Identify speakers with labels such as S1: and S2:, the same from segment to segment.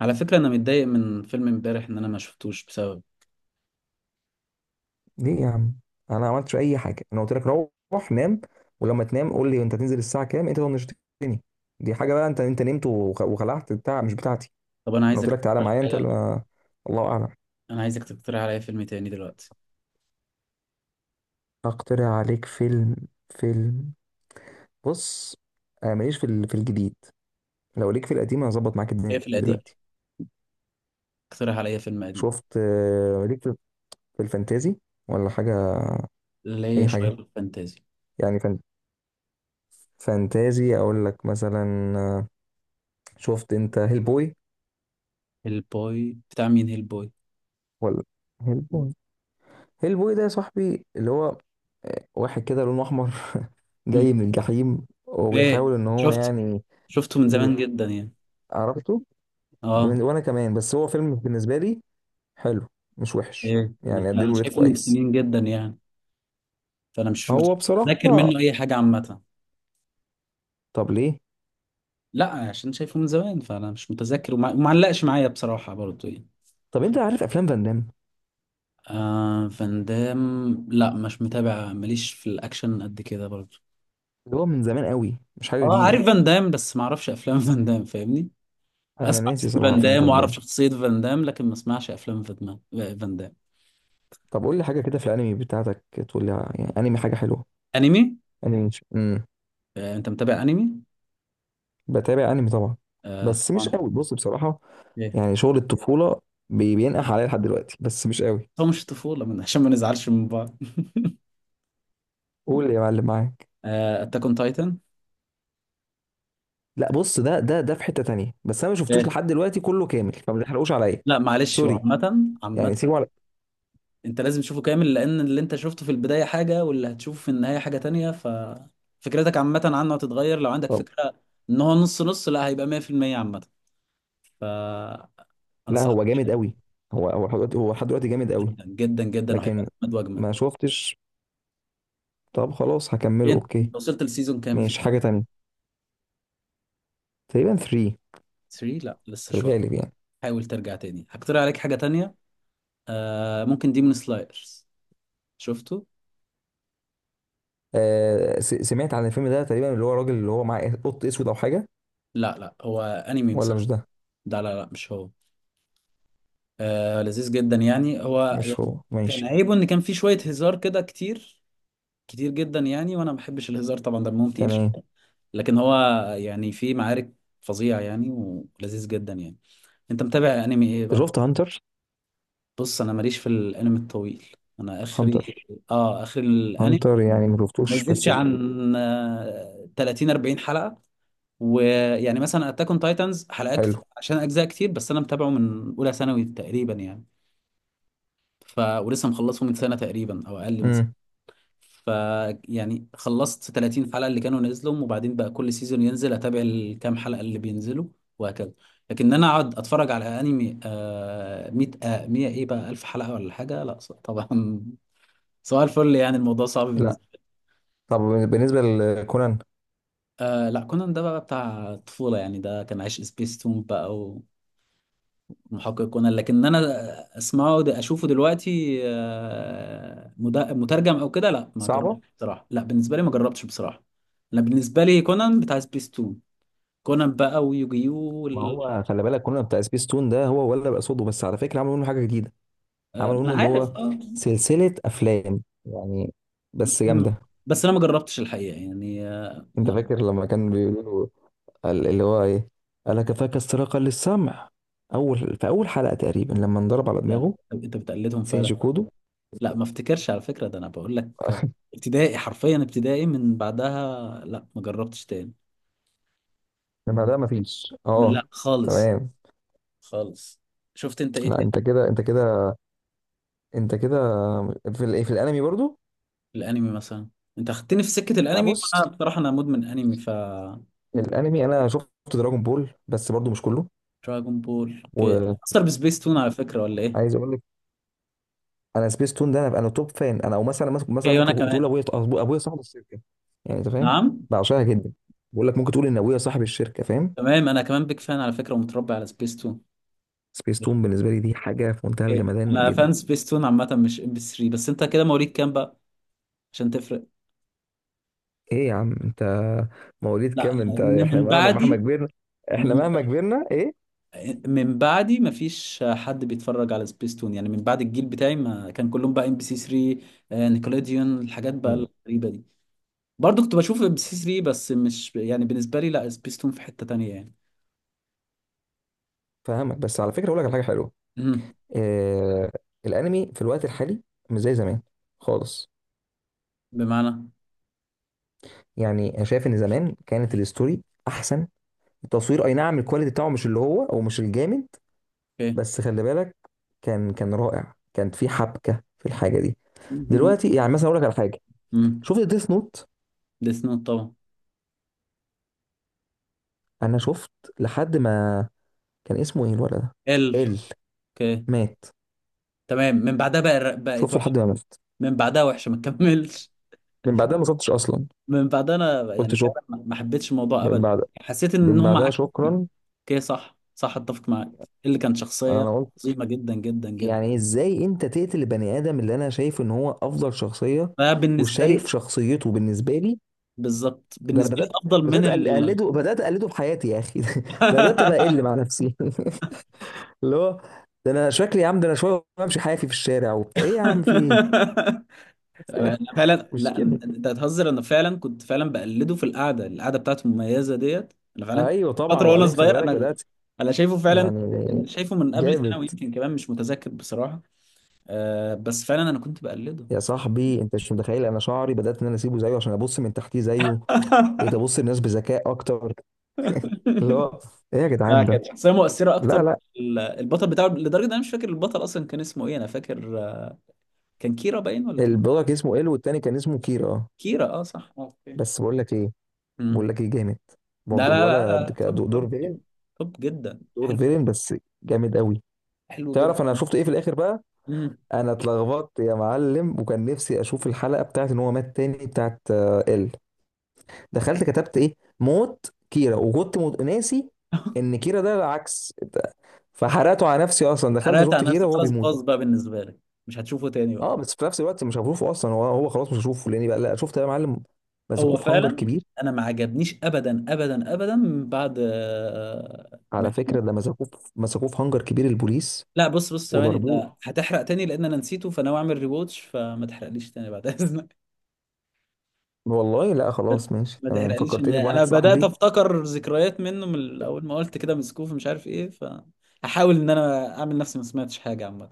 S1: على فكرة، أنا متضايق من فيلم امبارح إن أنا ما شفتوش بسبب.
S2: ليه يا عم؟ انا ما عملتش اي حاجه، انا قلت لك روح نام. ولما تنام قول لي انت تنزل الساعه كام؟ انت طنشتني. دي حاجه بقى. انت نمت وخلعت بتاع مش بتاعتي.
S1: طب أنا
S2: انا قلت
S1: عايزك
S2: لك تعالى
S1: تقترح
S2: معايا، انت
S1: عليا.
S2: اللي... الله اعلم.
S1: أنا عايزك تقترح عليا فيلم تاني دلوقتي.
S2: اقترح عليك فيلم. فيلم. بص، انا ماليش في في الجديد. لو ليك في القديم انا هظبط معاك
S1: إيه
S2: الدنيا
S1: في القديم؟
S2: دلوقتي.
S1: اقترح عليا فيلم قديم.
S2: شفت، ليك في الفانتازي ولا حاجه؟
S1: اللي هي
S2: اي
S1: شوية
S2: حاجه،
S1: فانتازي.
S2: يعني فان... فانتازي اقول لك مثلا. آه، شفت انت هيل بوي
S1: هيلبوي بتاع مين هيلبوي؟
S2: ولا؟ هيل بوي. هيل بوي ده يا صاحبي اللي هو واحد كده لونه احمر، جاي من الجحيم
S1: إيه؟
S2: وبيحاول ان هو
S1: شفت.
S2: يعني.
S1: شفته من
S2: ي-
S1: زمان جدا يعني.
S2: عرفته.
S1: أه.
S2: وانا كمان، بس هو فيلم بالنسبه لي حلو، مش وحش.
S1: إيه. أنا
S2: يعني
S1: أنا
S2: اديله ريت
S1: شايفه من
S2: كويس.
S1: سنين جدا يعني. فأنا مش
S2: هو
S1: مش متذاكر
S2: بصراحه،
S1: منه أي حاجة عامة.
S2: طب ليه؟
S1: لا، عشان شايفه من زمان فأنا مش متذكر ومعلقش معايا بصراحة برضه يعني.
S2: طب انت عارف افلام فان دام؟
S1: آه، فان دام. لا مش متابع، ماليش في الاكشن قد كده برضه.
S2: اللي هو من زمان قوي، مش حاجه
S1: اه
S2: جديده.
S1: عارف فان دام بس ما اعرفش افلام فان دام، فاهمني.
S2: انا
S1: اسمع
S2: ناسي
S1: اسم
S2: صراحه
S1: فان
S2: افلام
S1: دام
S2: فان
S1: واعرف
S2: دام.
S1: شخصية فان دام لكن ما اسمعش افلام فان دام. فان دام.
S2: طب قول لي حاجه كده في الانمي بتاعتك. تقول لي يعني انمي حاجه حلوه.
S1: انمي.
S2: انمي. امم
S1: آه انت متابع انمي.
S2: بتابع انمي طبعا،
S1: آه
S2: بس مش
S1: طبعا.
S2: قوي بص بصراحه.
S1: ايه.
S2: يعني شغل الطفولة بينقح عليا لحد دلوقتي، بس مش قوي.
S1: هو مش طفولة من عشان ما نزعلش من بعض.
S2: قول يا معلم معاك.
S1: آه، اتاك اون تايتن.
S2: لا بص، ده في حتة تانية، بس انا ما شفتوش لحد دلوقتي كله كامل، فما تحرقوش عليا.
S1: لا معلش، هو
S2: سوري.
S1: عامة عامة.
S2: يعني سيبه على.
S1: انت لازم تشوفه كامل لان اللي انت شفته في البداية حاجة واللي هتشوفه في النهاية حاجة تانية، ففكرتك عامة عنه هتتغير لو عندك
S2: طب
S1: فكرة ان هو نص نص. لا، هيبقى 100% عامة. فانصحك.
S2: لا، هو جامد قوي. هو لحد دلوقتي، هو لحد دلوقتي جامد قوي.
S1: جدا جدا جدا، وهيبقى
S2: لكن
S1: اجمد واجمد.
S2: ما شفتش. طب خلاص
S1: إيه,
S2: هكمله، اوكي.
S1: انت وصلت للسيزون كام فيه
S2: ماشي حاجة
S1: طيب؟
S2: تانية. تقريبا 3،
S1: 3. لا لسه
S2: في
S1: شوية.
S2: الغالب يعني.
S1: حاول ترجع تاني هقترح عليك حاجة تانية. آه ممكن ديمون سلايرز. شفته.
S2: سمعت عن الفيلم ده تقريبا، اللي هو راجل اللي هو معاه قط اسود او حاجة.
S1: لا لا، هو انمي
S2: ولا مش
S1: مسلسل.
S2: ده.
S1: لا لا لا، مش هو. آه، لذيذ جدا يعني هو
S2: مش
S1: يعني.
S2: هو،
S1: كان
S2: ماشي.
S1: عيبه ان كان فيه شوية هزار كده كتير. كتير جدا يعني، وانا ما بحبش الهزار طبعا، دمهم تقيل.
S2: تمام.
S1: لكن هو. يعني في معارك. فظيع يعني ولذيذ جدا يعني. انت متابع انمي ايه
S2: أنت
S1: بقى؟
S2: شفت هانتر؟
S1: بص، انا ماليش في الانمي الطويل. انا اخري.
S2: هانتر.
S1: اه اخري الانمي.
S2: هانتر يعني ما
S1: ما
S2: شفتوش
S1: يزيدش
S2: بس جامد.
S1: عن 30 40 حلقة. ويعني مثلا اتاك اون تايتنز حلقات كتير
S2: حلو.
S1: عشان اجزاء كتير، بس انا متابعه من اولى ثانوي تقريبا يعني. ف ولسه مخلصه من سنة تقريبا او اقل من سنة.
S2: امم
S1: ف. يعني خلصت 30 حلقة اللي كانوا نزلهم، وبعدين بقى كل سيزون ينزل اتابع الكام حلقة اللي بينزلوا. وهكذا. لكن انا اقعد اتفرج على انمي 100 100 ايه بقى 1000 حلقة ولا حاجة؟ لا طبعا. سؤال الفل يعني، الموضوع صعب
S2: لا.
S1: بالنسبة لي.
S2: طب بالنسبه لكونان؟
S1: آه لا، كونان ده بقى بتاع الطفولة يعني، ده كان عايش سبيس تون بقى. محقق كونان لكن انا. اشوفه دلوقتي مترجم او كده، لا ما جربتش
S2: صعبه.
S1: بصراحه، لا بالنسبه لي ما جربتش بصراحه. انا بالنسبه لي كونان بتاع سبيس تون. كونان بقى ويوجيو
S2: ما
S1: وال...
S2: هو خلي بالك كونان بتاع سبيس تون، ده هو ولا بقى صوته بس؟ على فكره عملوا منه حاجه جديده.
S1: ما
S2: عملوا
S1: انا
S2: منه اللي
S1: عارف
S2: هو
S1: اه.
S2: سلسله افلام يعني، بس
S1: م-
S2: جامده.
S1: بس انا ما جربتش الحقيقه يعني
S2: انت
S1: لا.
S2: فاكر لما كان بيقولوا له اللي هو ايه، الا كفاك استراقا للسمع؟ اول في اول حلقه تقريبا لما انضرب على
S1: لا
S2: دماغه.
S1: انت بتقلدهم
S2: سينجي
S1: فعلا.
S2: كودو.
S1: لا ما افتكرش على فكره، ده انا بقول لك. ابتدائي حرفيا، ابتدائي من بعدها لا ما جربتش تاني.
S2: لما ده مفيش
S1: لا خالص.
S2: تمام.
S1: خالص. شفت انت ايه؟
S2: لا انت كده، انت كده، انت كده في الايه، في الانمي برضو.
S1: الانمي مثلا. انت اخدتني في سكه
S2: لا
S1: الانمي
S2: بص،
S1: وانا بصراحه انا مدمن انمي ف.
S2: الانمي انا شفت دراجون بول، بس برضو مش كله.
S1: دراجون بول اوكي.
S2: وعايز
S1: اثر بسبيس تون على فكره ولا ايه؟
S2: اقول لك، انا سبيس تون ده انا توب فان انا. او مثلا
S1: اوكي وانا
S2: ممكن تقول
S1: كمان.
S2: ابويا ابويا صاحب الشركه. يعني انت فاهم،
S1: نعم.
S2: بعشقها جدا. بقول لك ممكن تقول ان ابويا صاحب الشركه، فاهم؟
S1: تمام انا كمان بيك فان على فكره ومتربي على سبيس تون.
S2: سبيس تون بالنسبه لي دي حاجه في منتهى
S1: اوكي
S2: الجمدان
S1: انا فان
S2: جدا.
S1: سبيس تون عامه مش ام بي 3 بس. انت كده مواليد كام بقى؟ عشان تفرق.
S2: ايه يا عم انت؟ مواليد
S1: لا
S2: كام
S1: لا،
S2: انت؟ احنا
S1: من
S2: مهما مهما
S1: بعدي.
S2: كبرنا، احنا
S1: من
S2: مهما كبرنا ايه.
S1: من بعدي ما فيش حد بيتفرج على سبيس تون يعني، من بعد الجيل بتاعي ما كان كلهم بقى ام بي سي 3. نيكولوديون الحاجات بقى
S2: مم.
S1: الغريبه دي. برضو كنت بشوف ام سي 3 بس مش يعني بالنسبه لي، لا سبيستون في حته تانية يعني.
S2: فاهمك. بس على فكره اقول لك على حاجه حلوه.
S1: امم
S2: إيه؟ الانمي في الوقت الحالي مش زي زمان خالص.
S1: بمعنى.
S2: يعني انا شايف ان زمان كانت الستوري احسن. التصوير اي نعم الكواليتي بتاعه مش اللي هو، او مش الجامد،
S1: اوكي.
S2: بس خلي بالك، كان رائع، كانت في حبكه في الحاجه دي. دلوقتي يعني مثلا اقول لك على حاجه.
S1: امم
S2: شفت ديث نوت؟
S1: ديس نوت طبعا.
S2: انا شفت لحد ما، كان اسمه ايه الولد ده،
S1: ال
S2: ال،
S1: اوكي.
S2: مات.
S1: تمام من بعدها بقى بقت
S2: شفته
S1: وحشه.
S2: لحد ما مات.
S1: من بعدها وحشه، ما تكملش.
S2: من بعدها ما شفتش اصلا.
S1: من بعدها انا
S2: قلت
S1: يعني
S2: شك.
S1: فعلا ما حبيتش الموضوع
S2: من
S1: ابدا.
S2: بعد،
S1: حسيت ان
S2: من
S1: هم
S2: بعدها
S1: عكس فيه.
S2: شكرا.
S1: اوكي صح صح، اتفق معاك. اللي كان شخصيه.
S2: انا قلت
S1: عظيمه جدا جدا جدا.
S2: يعني ازاي انت تقتل البني ادم اللي انا شايف ان هو افضل شخصيه،
S1: ده بالنسبه
S2: وشايف
S1: لي.
S2: شخصيته بالنسبه لي.
S1: بالظبط
S2: ده انا
S1: بالنسبه لي
S2: بدات
S1: افضل من
S2: بدات
S1: ال.
S2: اقلده، بدات اقلده في حياتي يا اخي. ده انا بدات ابقى اقل مع نفسي. اللي هو، ده انا شكلي يا عم، ده انا شويه بمشي حافي في الشارع وبتاع، ايه يا عم في ايه؟
S1: انا فعلا
S2: مش
S1: لا
S2: كده؟
S1: انت هتهزر، انا فعلا كنت فعلا بقلده في القعده القعده بتاعته المميزه ديت. انا فعلا كنت
S2: ايوه طبعا.
S1: فتره وانا
S2: وبعدين خلي
S1: صغير
S2: بالك
S1: انا.
S2: بدات،
S1: انا شايفه فعلا.
S2: يعني،
S1: أنا شايفه من قبل
S2: جامد.
S1: ثانوي يمكن كمان، مش متذكر بصراحه. أه بس فعلا انا كنت بقلده.
S2: يا صاحبي انت مش متخيل، انا شعري بدات ان انا اسيبه زيه عشان ابص من تحتيه زيه. بقيت ابص للناس بذكاء اكتر، اللي هو، ايه يا
S1: لا
S2: جدعان ده.
S1: كانت شخصيه مؤثره اكتر.
S2: لا لا.
S1: البطل بتاعه لدرجه ان انا مش فاكر البطل اصلا كان اسمه ايه. انا فاكر كان كيرا باين ولا كان.
S2: البرودكت اسمه ال، والتاني كان اسمه كيرا، اه.
S1: كيرا اه صح اوكي.
S2: بس بقول لك ايه، بقول
S1: امم.
S2: لك ايه جامد،
S1: لا
S2: برضه
S1: لا لا
S2: الولد
S1: لا طب
S2: كدور،
S1: طب طب. طب جدا
S2: دور
S1: حلو.
S2: فيلن بس جامد قوي.
S1: حلو جدا.
S2: تعرف انا شفت ايه في الاخر بقى؟
S1: امم.
S2: انا اتلخبطت يا معلم، وكان نفسي اشوف الحلقه بتاعت ان هو مات تاني، بتاعت ال. دخلت كتبت ايه موت كيرا، وكنت ناسي ان كيرا ده العكس فحرقته على نفسي. اصلا دخلت
S1: حرقت
S2: شفت
S1: على
S2: كيرا
S1: نفسك
S2: وهو
S1: خلاص
S2: بيموت بقى.
S1: باظ بقى بالنسبه لك. مش هتشوفه تاني بقى.
S2: اه بس في نفس الوقت مش هشوفه اصلا، هو خلاص مش هشوفه لاني بقى لا، شفت يا معلم؟
S1: هو
S2: مسكوه في هانجر
S1: فعلا.
S2: كبير.
S1: انا ما عجبنيش ابدا ابدا ابدا من بعد
S2: على
S1: ما.
S2: فكره ده مسكوه مسكوه في هانجر كبير البوليس،
S1: لا، بص بص ثواني،
S2: وضربوه.
S1: ده هتحرق تاني لان انا نسيته فانا اعمل ريواتش، فما تحرقليش تاني بعد اذنك.
S2: والله لا. خلاص ماشي
S1: ما
S2: تمام،
S1: تحرقليش ان
S2: فكرتني
S1: انا
S2: بواحد
S1: بدات
S2: صاحبي.
S1: افتكر ذكريات منه من اول ما قلت كده مسكوف مش عارف ايه، فهحاول ان انا اعمل نفسي ما سمعتش حاجه عامه.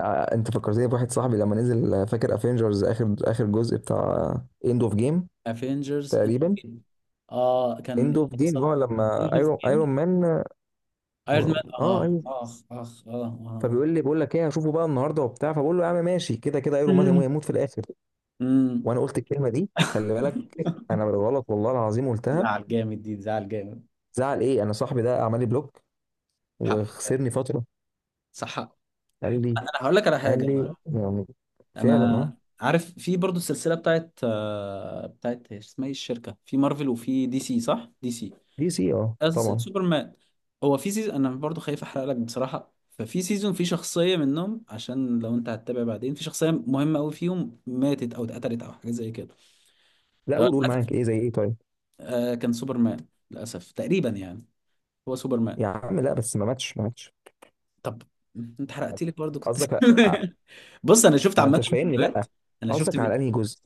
S2: انت فكرتني بواحد صاحبي لما نزل، فاكر افنجرز اخر اخر جزء بتاع اند اوف جيم،
S1: افنجرز.
S2: تقريبا.
S1: اه
S2: اند
S1: كان
S2: اوف جيم،
S1: صح.
S2: هو لما
S1: اوف.
S2: ايرون مان،
S1: ايرون
S2: اه،
S1: مان اه
S2: ايوه،
S1: اخ اخ اه اه.
S2: فبيقول لي بقول لك ايه هشوفه بقى النهارده وبتاع، فبقول له يا عم ماشي كده كده ايرون مان هيموت في الاخر.
S1: امم.
S2: وانا قلت الكلمه دي، خلي بالك انا بالغلط والله العظيم قلتها.
S1: زعل جامد دي زعل جامد.
S2: زعل ايه، انا صاحبي ده عمل لي بلوك
S1: حق.
S2: وخسرني فتره.
S1: صح حق.
S2: قال لي،
S1: انا هقول لك على
S2: قال
S1: حاجه.
S2: لي يعني. فعلا اه.
S1: انا عارف في برضو السلسله بتاعت اسمها ايه الشركه في مارفل وفي دي سي، صح دي سي.
S2: دي سي، اه طبعا.
S1: سوبرمان. هو في سيزون، انا برضو خايف احرق لك بصراحه، ففي سيزون في شخصيه منهم عشان لو انت هتتابع بعدين في شخصيه مهمه قوي فيهم ماتت او اتقتلت او حاجه زي كده.
S2: لا
S1: آه،
S2: قول قول معاك. ايه زي ايه طيب؟
S1: كان سوبرمان. للاسف تقريبا يعني. هو سوبرمان.
S2: يا عم لا، بس ما ماتش ما ماتش.
S1: طب انت حرقت لك برضه كنت.
S2: قصدك
S1: بص انا شفت
S2: ما
S1: عامه
S2: انتش فاهمني لا.
S1: فيديوهات. انا شفت
S2: قصدك على انهي
S1: فيديو.
S2: جزء؟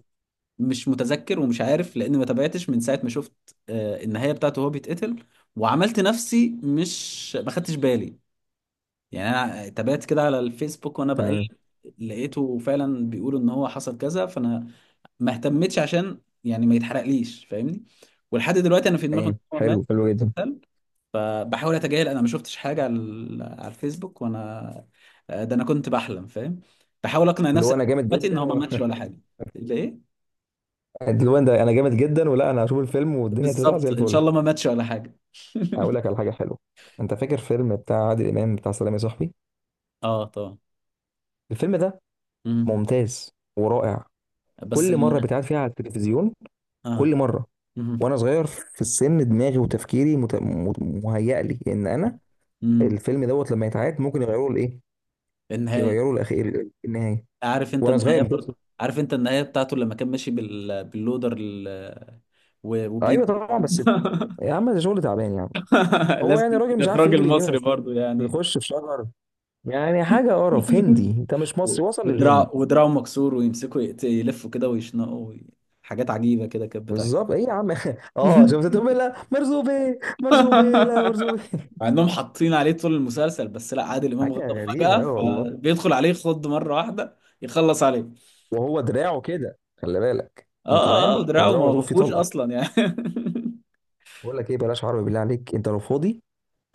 S1: مش متذكر ومش عارف لان ما تابعتش من ساعه ما شفت النهايه بتاعته وهو بيتقتل. وعملت نفسي مش ما خدتش بالي. يعني انا تابعت كده على الفيسبوك وانا بقلب،
S2: تمام.
S1: لقيته فعلا بيقولوا ان هو حصل كذا، فانا ما اهتمتش عشان يعني ما يتحرقليش فاهمني. ولحد دلوقتي انا في دماغي ان
S2: تمام،
S1: هو مات.
S2: حلو، حلو جدا.
S1: بحاول اتجاهل انا ما شفتش حاجه على على الفيسبوك وانا. ده انا كنت بحلم فاهم. بحاول اقنع
S2: اللي
S1: نفسي
S2: هو انا جامد
S1: دلوقتي ان هو
S2: جدا
S1: ما
S2: و...
S1: ماتش ولا حاجه. ليه.
S2: اللي هو ده انا جامد جدا، ولا انا هشوف الفيلم والدنيا هتطلع زي
S1: بالظبط ان شاء
S2: الفل؟
S1: الله ما ماتش ولا حاجه.
S2: اقول لك على حاجه حلوه، انت فاكر فيلم بتاع عادل امام بتاع سلام يا صاحبي؟
S1: اه طبعا.
S2: الفيلم ده
S1: مم.
S2: ممتاز ورائع.
S1: بس
S2: كل مره
S1: ال...
S2: بتقعد فيها على التلفزيون،
S1: اه.
S2: كل مره،
S1: مم.
S2: وانا صغير في السن دماغي وتفكيري مهيأ لي ان انا
S1: مم.
S2: الفيلم دوت لما يتعاد ممكن يغيروا الايه،
S1: النهايه.
S2: يغيروا الاخير النهايه.
S1: عارف انت
S2: وانا صغير.
S1: النهايه، برضه عارف انت النهايه بتاعته لما كان ماشي باللودر ال... و...
S2: ايوه
S1: وبيجي.
S2: طبعا، بس يا عم ده شغل تعبان يعني. هو يعني
S1: لازم
S2: راجل مش عارف
S1: الاخراج
S2: يجري يمين ولا
S1: المصري
S2: شمال،
S1: برضه يعني.
S2: بيخش في شجر، يعني حاجه قرف هندي. انت مش
S1: و-
S2: مصري، وصل للهند.
S1: ودراعه مكسور ويمسكوا يلفوا كده ويشنقوا وي- حاجات عجيبة كده كانت بتحصل.
S2: بالظبط، ايه يا عم؟ اه شفت، تقول لا مرزوبي، مرزوبي، لا مرزوبي.
S1: مع انهم حاطين عليه طول المسلسل، بس لا عادل امام
S2: حاجه
S1: غضب فجأة
S2: غريبه، اه والله.
S1: فبيدخل عليه خض مرة واحدة يخلص عليه.
S2: وهو دراعه كده خلي بالك
S1: اه
S2: انت
S1: اه
S2: فاهم، هو
S1: ودراعه
S2: دراعه
S1: ما
S2: مضروب فيه
S1: مفهوش
S2: طلقه.
S1: اصلا يعني.
S2: بقول لك ايه، بلاش عربي بالله عليك، انت لو فاضي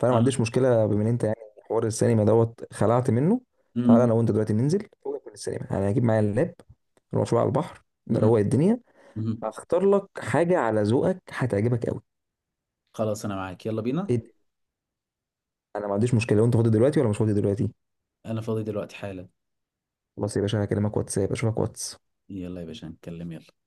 S2: فانا ما
S1: آه.
S2: عنديش مشكله بما ان انت يعني حوار السينما دوت خلعت منه. تعالى
S1: مم.
S2: انا وانت دلوقتي ننزل فوقك من السينما، انا هجيب معايا اللاب، نروح شويه على البحر
S1: مم.
S2: نروق الدنيا.
S1: مم.
S2: هختار لك حاجه على ذوقك هتعجبك قوي.
S1: خلاص انا معاك يلا بينا.
S2: ايه ده؟ انا ما عنديش مشكله لو انت فاضي دلوقتي ولا مش فاضي دلوقتي.
S1: انا فاضي دلوقتي حالا.
S2: خلاص يا باشا هكلمك واتساب، اشوفك واتس
S1: يلا يا باشا نتكلم يلا.